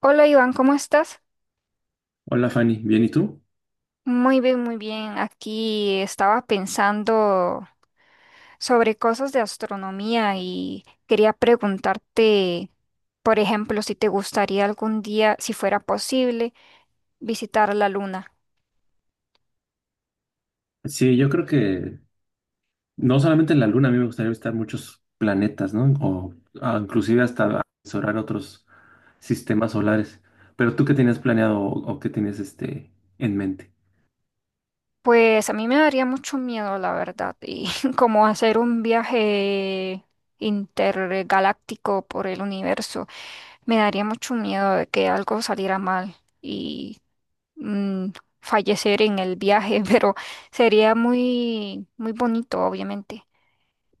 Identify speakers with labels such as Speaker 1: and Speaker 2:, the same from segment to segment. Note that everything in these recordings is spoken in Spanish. Speaker 1: Hola Iván, ¿cómo estás?
Speaker 2: Hola Fanny, ¿bien y tú?
Speaker 1: Muy bien, muy bien. Aquí estaba pensando sobre cosas de astronomía y quería preguntarte, por ejemplo, si te gustaría algún día, si fuera posible, visitar la luna.
Speaker 2: Sí, yo creo que no solamente en la Luna, a mí me gustaría visitar muchos planetas, ¿no? O inclusive hasta explorar otros sistemas solares. ¿Pero tú qué tenías planeado o qué tienes en mente?
Speaker 1: Pues a mí me daría mucho miedo, la verdad, y como hacer un viaje intergaláctico por el universo, me daría mucho miedo de que algo saliera mal. mm, Fallecer en el viaje, pero sería muy, muy bonito, obviamente.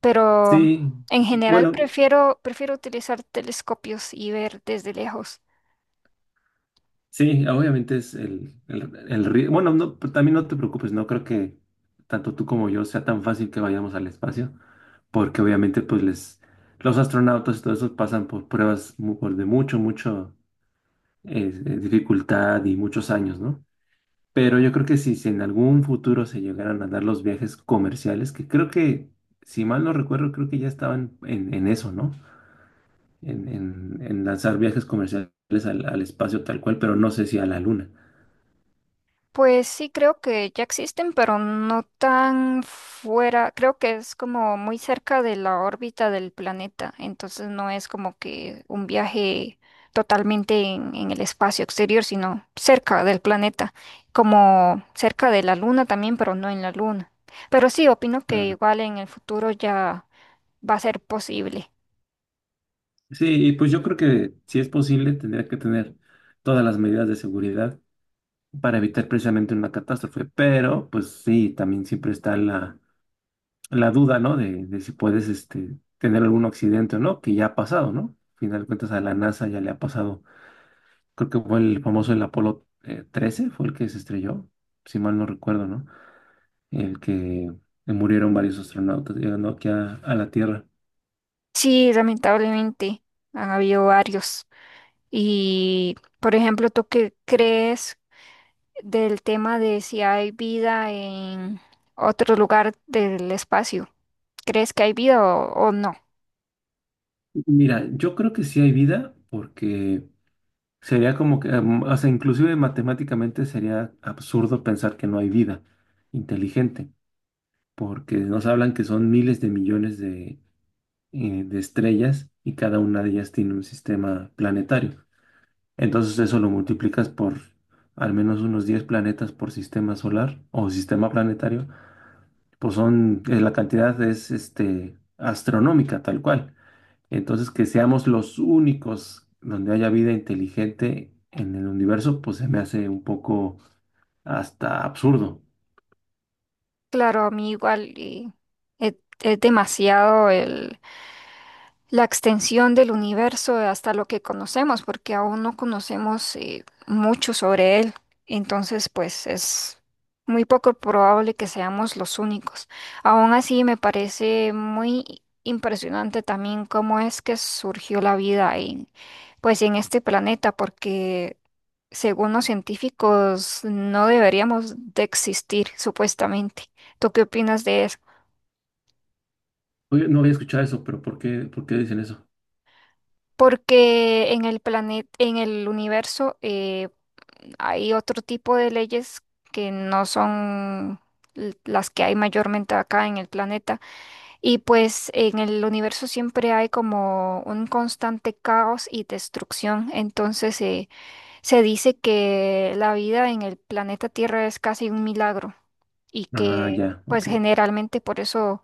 Speaker 1: Pero
Speaker 2: Sí,
Speaker 1: en general
Speaker 2: bueno,
Speaker 1: prefiero utilizar telescopios y ver desde lejos.
Speaker 2: sí, obviamente es Bueno, no, pero también no te preocupes, no creo que tanto tú como yo sea tan fácil que vayamos al espacio, porque obviamente pues los astronautas y todo eso pasan por pruebas por de mucho, mucho es dificultad y muchos años, ¿no? Pero yo creo que si en algún futuro se llegaran a dar los viajes comerciales, que creo que, si mal no recuerdo, creo que ya estaban en eso, ¿no? En lanzar viajes comerciales al espacio tal cual, pero no sé si a la luna.
Speaker 1: Pues sí, creo que ya existen, pero no tan fuera, creo que es como muy cerca de la órbita del planeta, entonces no es como que un viaje totalmente en el espacio exterior, sino cerca del planeta, como cerca de la luna también, pero no en la luna. Pero sí, opino que
Speaker 2: Ya.
Speaker 1: igual en el futuro ya va a ser posible.
Speaker 2: Sí, y pues yo creo que si es posible, tendría que tener todas las medidas de seguridad para evitar precisamente una catástrofe, pero pues sí, también siempre está la duda, ¿no? De si puedes tener algún accidente o no, que ya ha pasado, ¿no? Al final de cuentas a la NASA ya le ha pasado. Creo que fue el famoso el Apolo 13, fue el que se estrelló, si mal no recuerdo, ¿no? El que murieron varios astronautas llegando aquí a la Tierra.
Speaker 1: Sí, lamentablemente han habido varios. Y, por ejemplo, ¿tú qué crees del tema de si hay vida en otro lugar del espacio? ¿Crees que hay vida o, no?
Speaker 2: Mira, yo creo que sí hay vida porque sería como que, o sea, inclusive matemáticamente sería absurdo pensar que no hay vida inteligente, porque nos hablan que son miles de millones de estrellas y cada una de ellas tiene un sistema planetario. Entonces eso lo multiplicas por al menos unos 10 planetas por sistema solar o sistema planetario, pues son, la cantidad es astronómica tal cual. Entonces que seamos los únicos donde haya vida inteligente en el universo, pues se me hace un poco hasta absurdo.
Speaker 1: Claro, a mí igual, es, es demasiado la extensión del universo hasta lo que conocemos, porque aún no conocemos mucho sobre él. Entonces, pues es muy poco probable que seamos los únicos. Aún así, me parece muy impresionante también cómo es que surgió la vida pues, en este planeta, porque según los científicos no deberíamos de existir, supuestamente. ¿Tú qué opinas de eso?
Speaker 2: Oye, no había escuchado eso, pero ¿por qué dicen eso?
Speaker 1: Porque en el planeta, en el universo, hay otro tipo de leyes que no son las que hay mayormente acá en el planeta. Y pues en el universo siempre hay como un constante caos y destrucción. Entonces, se dice que la vida en el planeta Tierra es casi un milagro y
Speaker 2: Ah,
Speaker 1: que
Speaker 2: ya,
Speaker 1: pues
Speaker 2: ok.
Speaker 1: generalmente por eso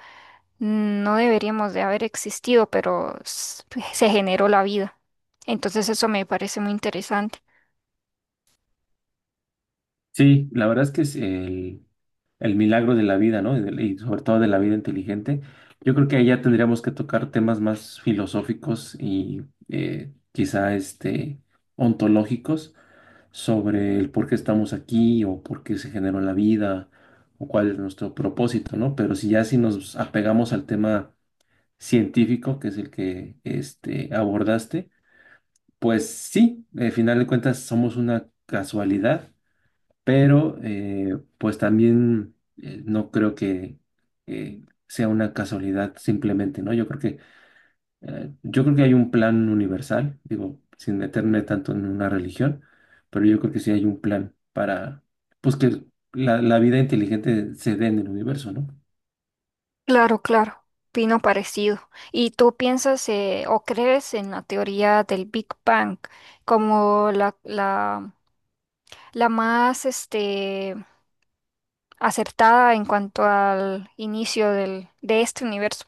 Speaker 1: no deberíamos de haber existido, pero se generó la vida. Entonces eso me parece muy interesante.
Speaker 2: Sí, la verdad es que es el milagro de la vida, ¿no? Y sobre todo de la vida inteligente. Yo creo que ahí ya tendríamos que tocar temas más filosóficos y quizá ontológicos sobre el por qué estamos aquí o por qué se generó la vida o cuál es nuestro propósito, ¿no? Pero si ya si nos apegamos al tema científico, que es el que abordaste, pues sí, al final de cuentas somos una casualidad pero pues también no creo que sea una casualidad simplemente, ¿no? Yo creo que hay un plan universal, digo, sin meterme tanto en una religión, pero yo creo que sí hay un plan para pues que la vida inteligente se dé en el universo, ¿no?
Speaker 1: Claro, claro, opino parecido. ¿Y tú piensas, o crees en la teoría del Big Bang como la más acertada en cuanto al inicio de este universo?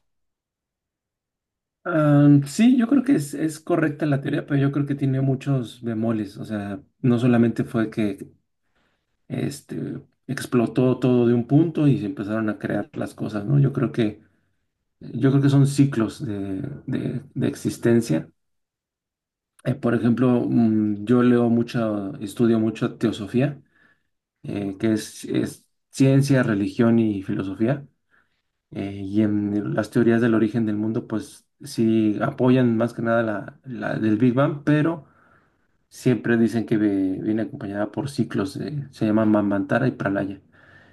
Speaker 2: Sí, yo creo que es correcta la teoría, pero yo creo que tiene muchos bemoles. O sea, no solamente fue que este, explotó todo de un punto y se empezaron a crear las cosas, ¿no? Yo creo que son ciclos de existencia. Por ejemplo, yo leo mucho, estudio mucho teosofía, que es ciencia, religión y filosofía. Y en las teorías del origen del mundo, pues sí apoyan más que nada la del Big Bang, pero siempre dicen que viene acompañada por ciclos, se llaman Mamantara y Pralaya.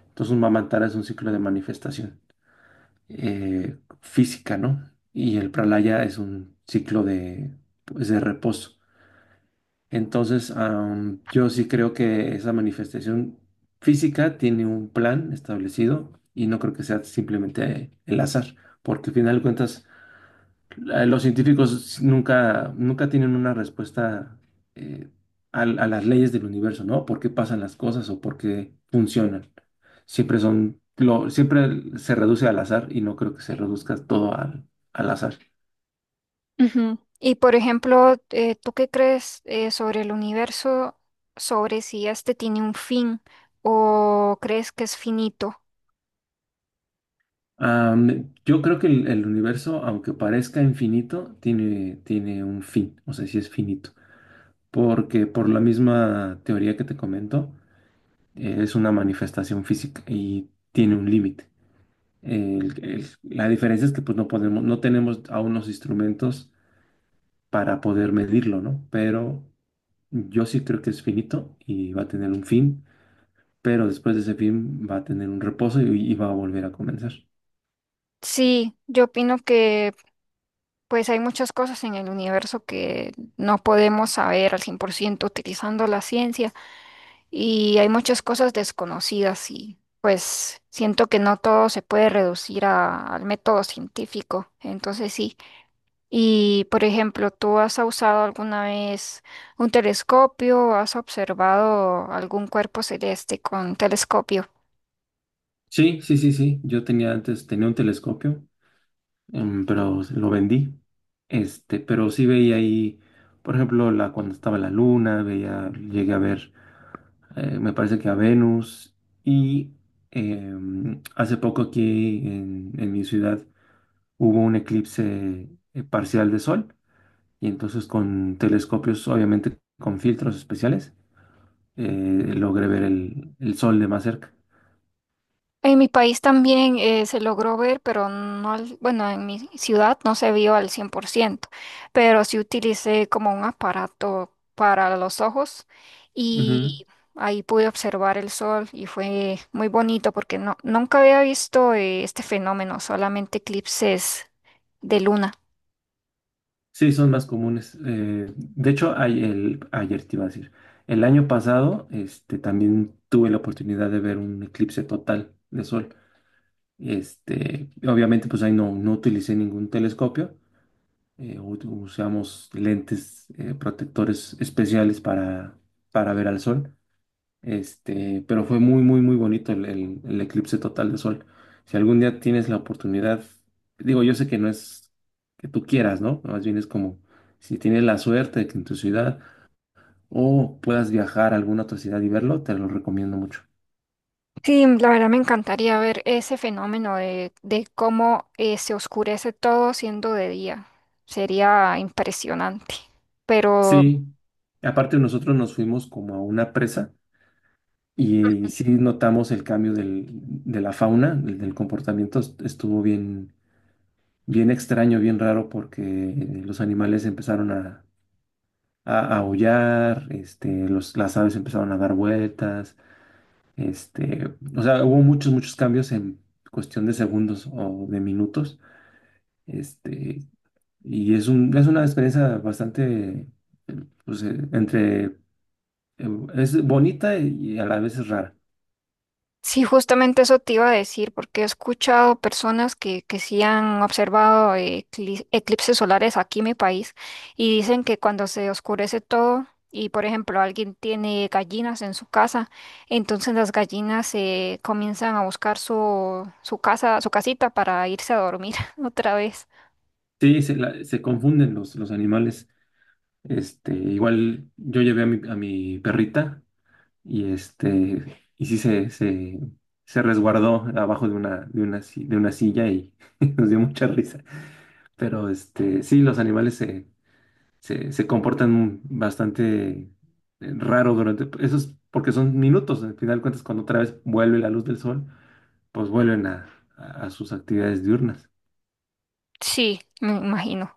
Speaker 2: Entonces, un mamantara es un ciclo de manifestación física, ¿no? Y el pralaya es un ciclo de, pues, de reposo. Entonces, yo sí creo que esa manifestación física tiene un plan establecido y no creo que sea simplemente el azar, porque al final de cuentas los científicos nunca, nunca tienen una respuesta eh, a las leyes del universo, ¿no? ¿Por qué pasan las cosas o por qué funcionan? Siempre se reduce al azar y no creo que se reduzca todo al azar.
Speaker 1: Ujú. Y por ejemplo, ¿tú qué crees, sobre el universo, sobre si este tiene un fin o crees que es finito?
Speaker 2: Yo creo que el universo, aunque parezca infinito, tiene un fin, o sea, sí es finito, porque por la misma teoría que te comento, es una manifestación física y tiene un límite. La diferencia es que pues no podemos, no tenemos aún los instrumentos para poder medirlo, ¿no? Pero yo sí creo que es finito y va a tener un fin, pero después de ese fin va a tener un reposo y va a volver a comenzar.
Speaker 1: Sí, yo opino que pues hay muchas cosas en el universo que no podemos saber al 100% utilizando la ciencia y hay muchas cosas desconocidas y pues siento que no todo se puede reducir al método científico. Entonces sí. Y, por ejemplo, ¿tú has usado alguna vez un telescopio? ¿Has observado algún cuerpo celeste con telescopio?
Speaker 2: Sí, sí, sí, sí. Yo tenía antes, tenía un telescopio pero lo vendí. Pero sí veía ahí, por ejemplo, cuando estaba la luna, llegué a ver, me parece que a Venus. Y hace poco aquí en mi ciudad hubo un eclipse parcial de sol. Y entonces con telescopios, obviamente con filtros especiales, logré ver el sol de más cerca.
Speaker 1: En mi país también, se logró ver, pero no, bueno, en mi ciudad no se vio al 100%, pero sí utilicé como un aparato para los ojos
Speaker 2: Ujú.
Speaker 1: y ahí pude observar el sol y fue muy bonito porque no, nunca había visto, este fenómeno, solamente eclipses de luna.
Speaker 2: Sí, son más comunes. De hecho, ayer te iba a decir, el año pasado, también tuve la oportunidad de ver un eclipse total de sol. Obviamente, pues ahí no utilicé ningún telescopio. Usamos lentes protectores especiales para ver al sol. Pero fue muy, muy, muy bonito el eclipse total de sol. Si algún día tienes la oportunidad, digo, yo sé que no es que tú quieras, ¿no? Más bien es como si tienes la suerte de que en tu ciudad o puedas viajar a alguna otra ciudad y verlo, te lo recomiendo mucho.
Speaker 1: Sí, la verdad me encantaría ver ese fenómeno de cómo, se oscurece todo siendo de día. Sería impresionante. Pero
Speaker 2: Sí, aparte nosotros nos fuimos como a una presa y sí notamos el cambio de la fauna, del comportamiento, estuvo bien, bien extraño, bien raro porque los animales empezaron a aullar, este, las aves empezaron a dar vueltas, o sea, hubo muchos, muchos cambios en cuestión de segundos o de minutos, este, y es una experiencia bastante, pues, eh, es bonita y a la vez es rara.
Speaker 1: sí, justamente eso te iba a decir, porque he escuchado personas que sí han observado, eclipses solares aquí en mi país y dicen que cuando se oscurece todo y, por ejemplo, alguien tiene gallinas en su casa, entonces las gallinas, comienzan a buscar su casa, su casita para irse a dormir otra vez.
Speaker 2: Sí, se confunden los animales, igual yo llevé a mi perrita y y sí se resguardó abajo de una, si- de una silla y nos dio mucha risa. Pero sí, los animales se comportan bastante raro durante, eso es porque son minutos, al final de cuentas cuando otra vez vuelve la luz del sol, pues vuelven a sus actividades diurnas.
Speaker 1: Sí, me imagino.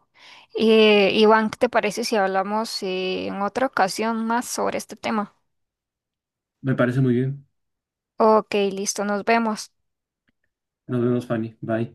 Speaker 1: Iván, ¿qué te parece si hablamos, en otra ocasión más sobre este tema?
Speaker 2: Me parece muy bien.
Speaker 1: Ok, listo, nos vemos.
Speaker 2: Nos vemos, Fanny. Bye.